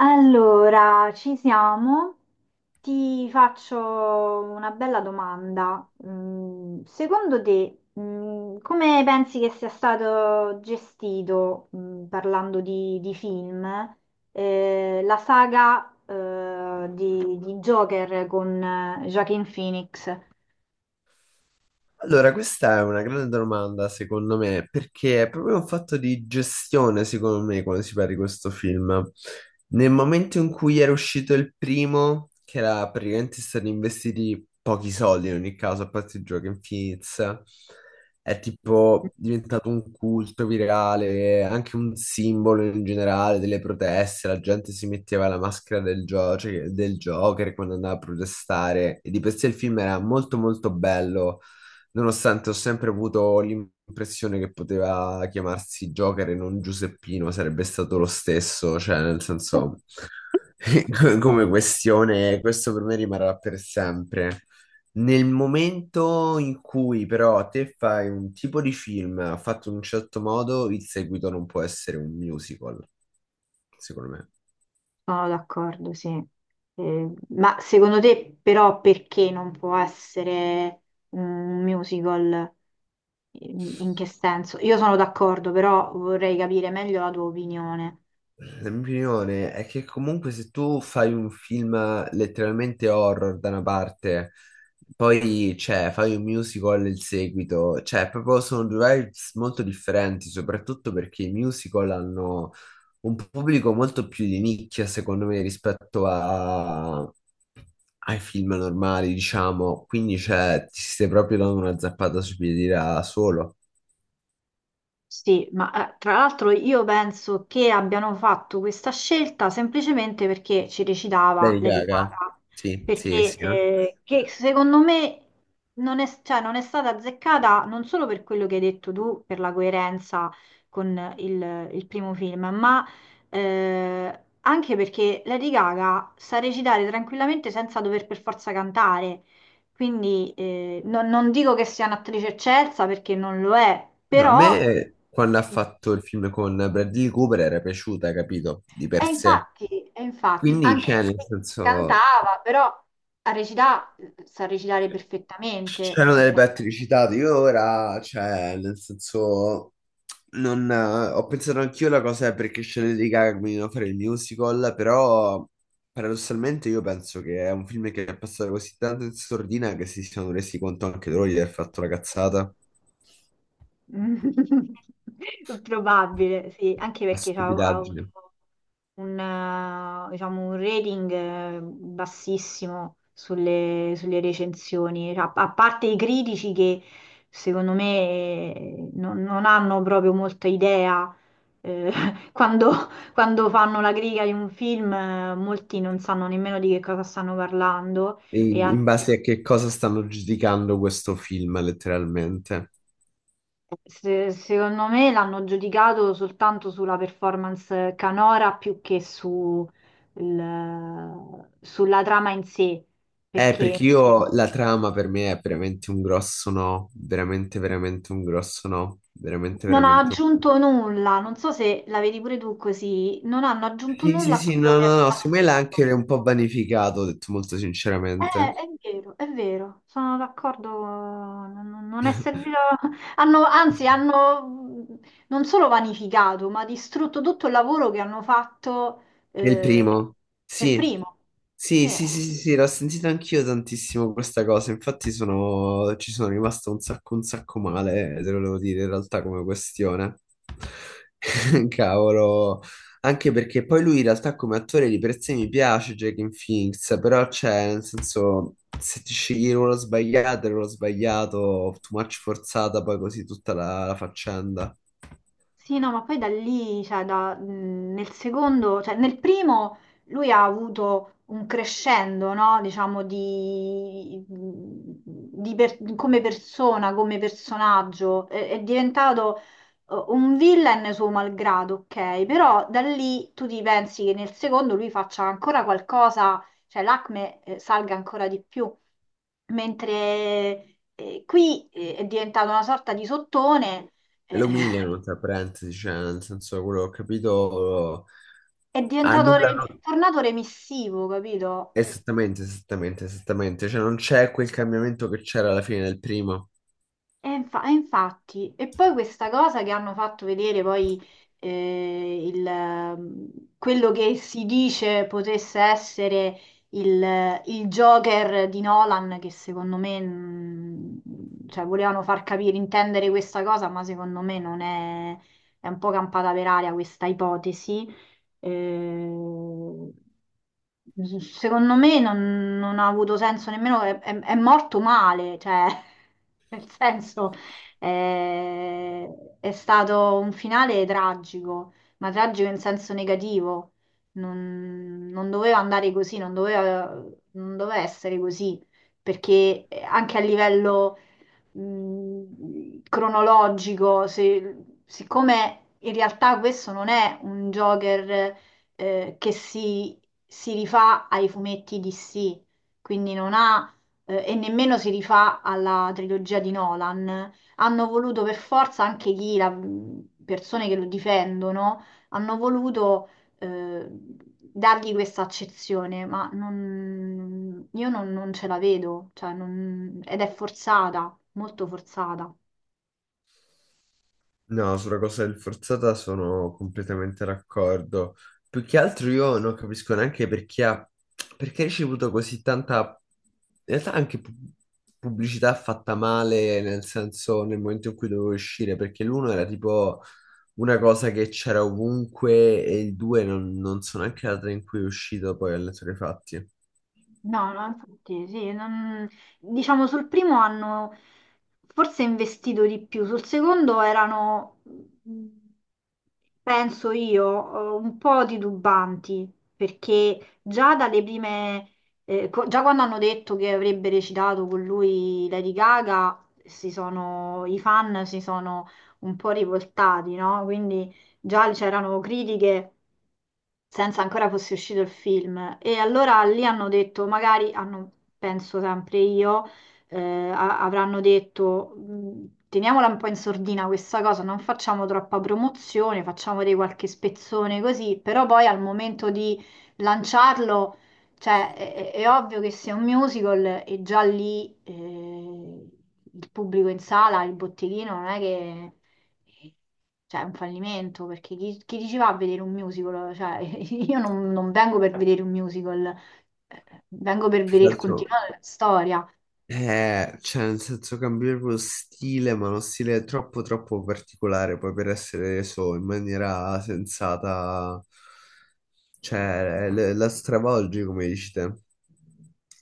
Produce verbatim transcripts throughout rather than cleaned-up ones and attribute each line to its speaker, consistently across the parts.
Speaker 1: Allora, ci siamo. Ti faccio una bella domanda. Mm, Secondo te, mm, come pensi che sia stato gestito, mm, parlando di, di film, eh, la saga, eh, di, di Joker con eh, Joaquin Phoenix?
Speaker 2: Allora, questa è una grande domanda, secondo me, perché è proprio un fatto di gestione, secondo me, quando si parla di questo film. Nel momento in cui era uscito il primo, che era praticamente stati investiti pochi soldi in ogni caso, a parte il gioco Infinite, è tipo diventato un culto virale, anche un simbolo in generale delle proteste. La gente si metteva la maschera del, gio- cioè del Joker quando andava a protestare. E di per sé il film era molto molto bello. Nonostante ho sempre avuto l'impressione che poteva chiamarsi Joker e non Giuseppino, sarebbe stato lo stesso, cioè nel senso, come questione, questo per me rimarrà per sempre. Nel momento in cui però te fai un tipo di film fatto in un certo modo, il seguito non può essere un musical, secondo me.
Speaker 1: Sono d'accordo, sì. Eh, ma secondo te però perché non può essere un musical? In in che senso? Io sono d'accordo, però vorrei capire meglio la tua opinione.
Speaker 2: La mia opinione è che comunque se tu fai un film letteralmente horror da una parte, poi cioè, fai un musical il seguito, cioè proprio sono due vibes molto differenti, soprattutto perché i musical hanno un pubblico molto più di nicchia, secondo me, rispetto a- ai film normali, diciamo, quindi cioè, ti stai proprio dando una zappata sui piedi da solo.
Speaker 1: Sì, ma eh, tra l'altro io penso che abbiano fatto questa scelta semplicemente perché ci recitava
Speaker 2: Lady
Speaker 1: Lady
Speaker 2: Gaga?
Speaker 1: Gaga,
Speaker 2: Sì, sì,
Speaker 1: perché
Speaker 2: sì, no?
Speaker 1: eh, che secondo me non è, cioè, non è stata azzeccata non solo per quello che hai detto tu, per la coerenza con il, il primo film, ma eh, anche perché Lady Gaga sa recitare tranquillamente senza dover per forza cantare. Quindi eh, non non dico che sia un'attrice eccelsa perché non lo è,
Speaker 2: No, a
Speaker 1: però
Speaker 2: me quando ha fatto il film con Bradley Cooper era piaciuta, capito? Di
Speaker 1: e
Speaker 2: per sé.
Speaker 1: infatti, e infatti,
Speaker 2: Quindi,
Speaker 1: anche
Speaker 2: cioè, nel
Speaker 1: se
Speaker 2: senso,
Speaker 1: cantava, però a recità, sa recitare perfettamente,
Speaker 2: c'erano delle
Speaker 1: senza
Speaker 2: battute citate. Io ora, cioè, nel senso, non, eh, ho pensato anch'io la cosa perché Shannon di Gaga che mi doveva fare il musical, però paradossalmente io penso che è un film che è passato così tanto in sordina che si sono resi conto anche loro di aver fatto la cazzata,
Speaker 1: Probabile, sì, anche
Speaker 2: la
Speaker 1: perché ha ha avuto
Speaker 2: stupidaggine.
Speaker 1: un, eh, diciamo, un rating eh, bassissimo sulle, sulle recensioni, a, a parte i critici che secondo me eh, non, non hanno proprio molta idea. eh, quando, quando fanno la critica di un film, eh, molti non sanno nemmeno di che cosa stanno parlando
Speaker 2: in,
Speaker 1: e hanno
Speaker 2: in base a che cosa stanno giudicando questo film, letteralmente.
Speaker 1: Se- secondo me l'hanno giudicato soltanto sulla performance canora più che su il- sulla trama in sé,
Speaker 2: Eh,
Speaker 1: perché
Speaker 2: perché io la trama per me è veramente un grosso no, veramente, veramente un grosso no, veramente,
Speaker 1: non ha
Speaker 2: veramente un...
Speaker 1: aggiunto nulla. Non so se la vedi pure tu così, non hanno aggiunto
Speaker 2: Sì,
Speaker 1: nulla
Speaker 2: sì, sì,
Speaker 1: a quello
Speaker 2: no,
Speaker 1: che è
Speaker 2: no, no,
Speaker 1: stato
Speaker 2: secondo me l'ha
Speaker 1: detto.
Speaker 2: anche un po' vanificato, ho detto molto
Speaker 1: Eh,
Speaker 2: sinceramente.
Speaker 1: è vero, è vero, sono d'accordo, non, non è servito, hanno, anzi hanno non solo vanificato, ma distrutto tutto il lavoro che hanno fatto
Speaker 2: Nel
Speaker 1: eh,
Speaker 2: primo,
Speaker 1: per
Speaker 2: sì,
Speaker 1: primo. Sì.
Speaker 2: sì, sì, sì, sì, sì, l'ho sentita anch'io tantissimo questa cosa, infatti sono, ci sono rimasto un sacco, un sacco male, eh, te lo devo dire in realtà come questione. Cavolo, anche perché poi lui in realtà come attore di per sé mi piace, Joaquin Phoenix, però c'è, nel senso, se ti scegli il ruolo sbagliato, il ruolo sbagliato, too much forzata, poi così tutta la la faccenda.
Speaker 1: Sì, no, ma poi da lì, cioè da- mh, nel secondo, cioè nel primo lui ha avuto un crescendo, no? Diciamo di, mhmm, di per- come persona, come personaggio, è, è diventato eh, un villain suo malgrado, ok? Però da lì tu ti pensi che nel secondo lui faccia ancora qualcosa, cioè l'acme eh, salga ancora di più, mentre eh, qui eh, è diventato una sorta di sottone. Eh,
Speaker 2: Lo umiliano, tra parentesi, cioè, nel senso, quello che ho capito,
Speaker 1: È diventato re- è
Speaker 2: annullano
Speaker 1: tornato remissivo, capito?
Speaker 2: esattamente, esattamente, esattamente, cioè non c'è quel cambiamento che c'era alla fine del primo.
Speaker 1: E, infa- e infatti, e poi questa cosa che hanno fatto vedere poi eh, il, ehm, quello che si dice potesse essere il, il Joker di Nolan, che secondo me, mh, cioè, volevano far capire, intendere questa cosa, ma secondo me non è, è un po' campata per aria questa ipotesi. Eh, Secondo me non, non ha avuto senso nemmeno, è, è- è morto male, cioè, nel senso, eh, è stato un finale tragico, ma tragico in senso negativo. Non, non doveva andare così, non doveva, non doveva essere così, perché eh, anche a livello mh, cronologico, se- siccome in realtà questo non è un Joker eh, che si, si rifà ai fumetti D C, quindi non ha, eh, e nemmeno si rifà alla trilogia di Nolan, hanno voluto per forza anche chi, la, persone che lo difendono, hanno voluto eh, dargli questa accezione, ma non- io non, non ce la vedo, cioè non- ed è forzata molto forzata.
Speaker 2: No, sulla cosa del forzata sono completamente d'accordo. Più che altro io non capisco neanche perché ha, perché ha ricevuto così tanta, in realtà anche pu- pubblicità fatta male, nel senso nel momento in cui dovevo uscire, perché l'uno era tipo una cosa che c'era ovunque e il due non, non so neanche la data in cui è uscito poi alle fatti.
Speaker 1: No, no, infatti sì, non- diciamo sul primo hanno forse investito di più, sul secondo erano penso io, eh, un po' titubanti, perché già dalle prime, eh, co- già quando hanno detto che avrebbe recitato con lui Lady Gaga, si sono- i fan si sono un po' rivoltati, no? Quindi già c'erano critiche senza ancora fosse uscito il film. E allora lì hanno detto, magari hanno, penso sempre io eh, a- avranno detto "Mh, teniamola un po' in sordina questa cosa, non facciamo troppa promozione, facciamo dei qualche spezzone così, però poi al momento di lanciarlo, cioè è, è- è ovvio che sia un musical e già lì eh, il pubblico in sala, il botteghino non è che... Cioè, è un fallimento perché chi, chi ci va a vedere un musical? Cioè, io non non vengo per vedere un musical, eh, vengo per
Speaker 2: Più
Speaker 1: vedere
Speaker 2: che
Speaker 1: il
Speaker 2: altro...
Speaker 1: continuo della storia.
Speaker 2: Eh, cioè, nel senso cambiare lo stile, ma uno stile troppo troppo particolare poi per essere reso in maniera sensata, cioè le- la stravolgi come dici te,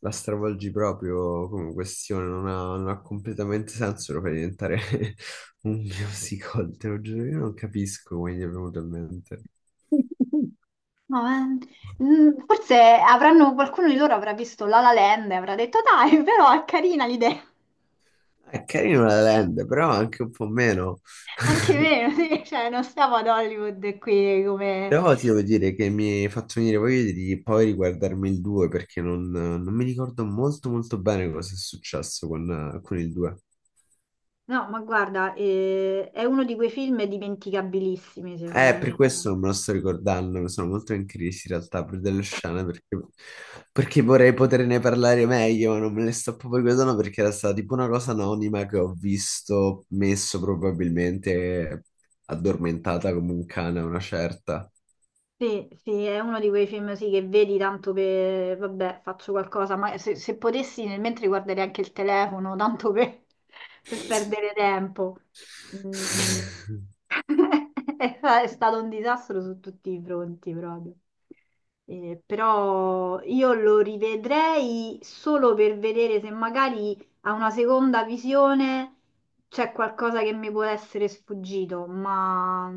Speaker 2: la stravolgi proprio come questione, non ha, non ha completamente senso, lo fai diventare un musical, te lo giuro, io non capisco come gli è venuto in mente.
Speaker 1: No, eh, mm, forse avranno, qualcuno di loro avrà visto La La Land e avrà detto dai, però è carina l'idea.
Speaker 2: È carino la Land, però anche un po' meno.
Speaker 1: Anche me, sì, cioè, non stiamo ad Hollywood qui come...
Speaker 2: Però ti devo dire che mi hai fatto venire voglia di poi riguardarmi il due perché non, non mi ricordo molto molto bene cosa è successo con, con il due.
Speaker 1: No, ma guarda, eh, è uno di quei film dimenticabilissimi, secondo
Speaker 2: Eh, per
Speaker 1: me.
Speaker 2: questo non me lo sto ricordando, sono molto in crisi in realtà per delle scene perché, perché vorrei poterne parlare meglio, ma non me le sto proprio ricordando perché era stata tipo una cosa anonima che ho visto messo probabilmente addormentata come un cane a una certa.
Speaker 1: Sì, sì, è uno di quei film sì, che vedi tanto per, vabbè, faccio qualcosa, ma se, se potessi nel mentre guarderei anche il telefono, tanto per, per perdere tempo. Mm. È fa- è stato un disastro su tutti i fronti proprio. Eh, però io lo rivedrei solo per vedere se magari a una seconda visione c'è qualcosa che mi può essere sfuggito, ma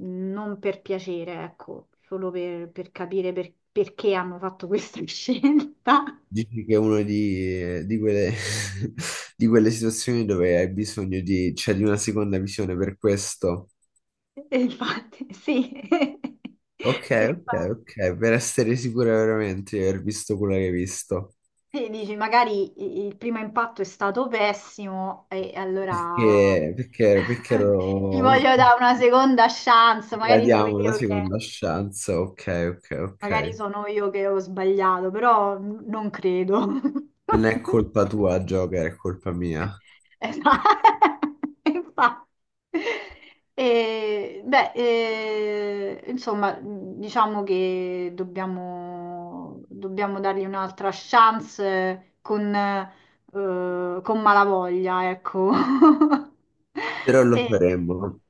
Speaker 1: non per piacere, ecco, solo per, per capire per- perché hanno fatto questa scelta.
Speaker 2: Dici che è una di, di quelle, di quelle situazioni dove hai bisogno di, cioè, di una seconda visione per questo.
Speaker 1: E infatti, sì,
Speaker 2: Ok,
Speaker 1: E
Speaker 2: ok,
Speaker 1: infatti,
Speaker 2: ok, per essere sicura veramente di aver visto quello che hai visto.
Speaker 1: sì, dici, magari i- il primo impatto è stato pessimo e allora
Speaker 2: Perché, perché, perché
Speaker 1: gli
Speaker 2: lo
Speaker 1: voglio dare una seconda chance,
Speaker 2: la
Speaker 1: magari sono
Speaker 2: diamo una
Speaker 1: io che,
Speaker 2: seconda chance. Ok, ok,
Speaker 1: magari
Speaker 2: ok.
Speaker 1: sono io che ho sbagliato, però n- non credo.
Speaker 2: Non è colpa tua, Joker, è colpa mia.
Speaker 1: Esatto, infatti. E, beh, eh, insomma, diciamo che dobbiamo, dobbiamo dargli un'altra chance eh, con, eh, con malavoglia, ecco.
Speaker 2: Però lo
Speaker 1: E,
Speaker 2: faremo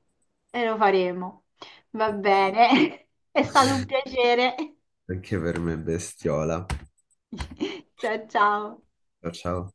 Speaker 1: e lo faremo. Va bene, è stato un piacere.
Speaker 2: anche per me, bestiola.
Speaker 1: Ciao ciao.
Speaker 2: Ciao, ciao.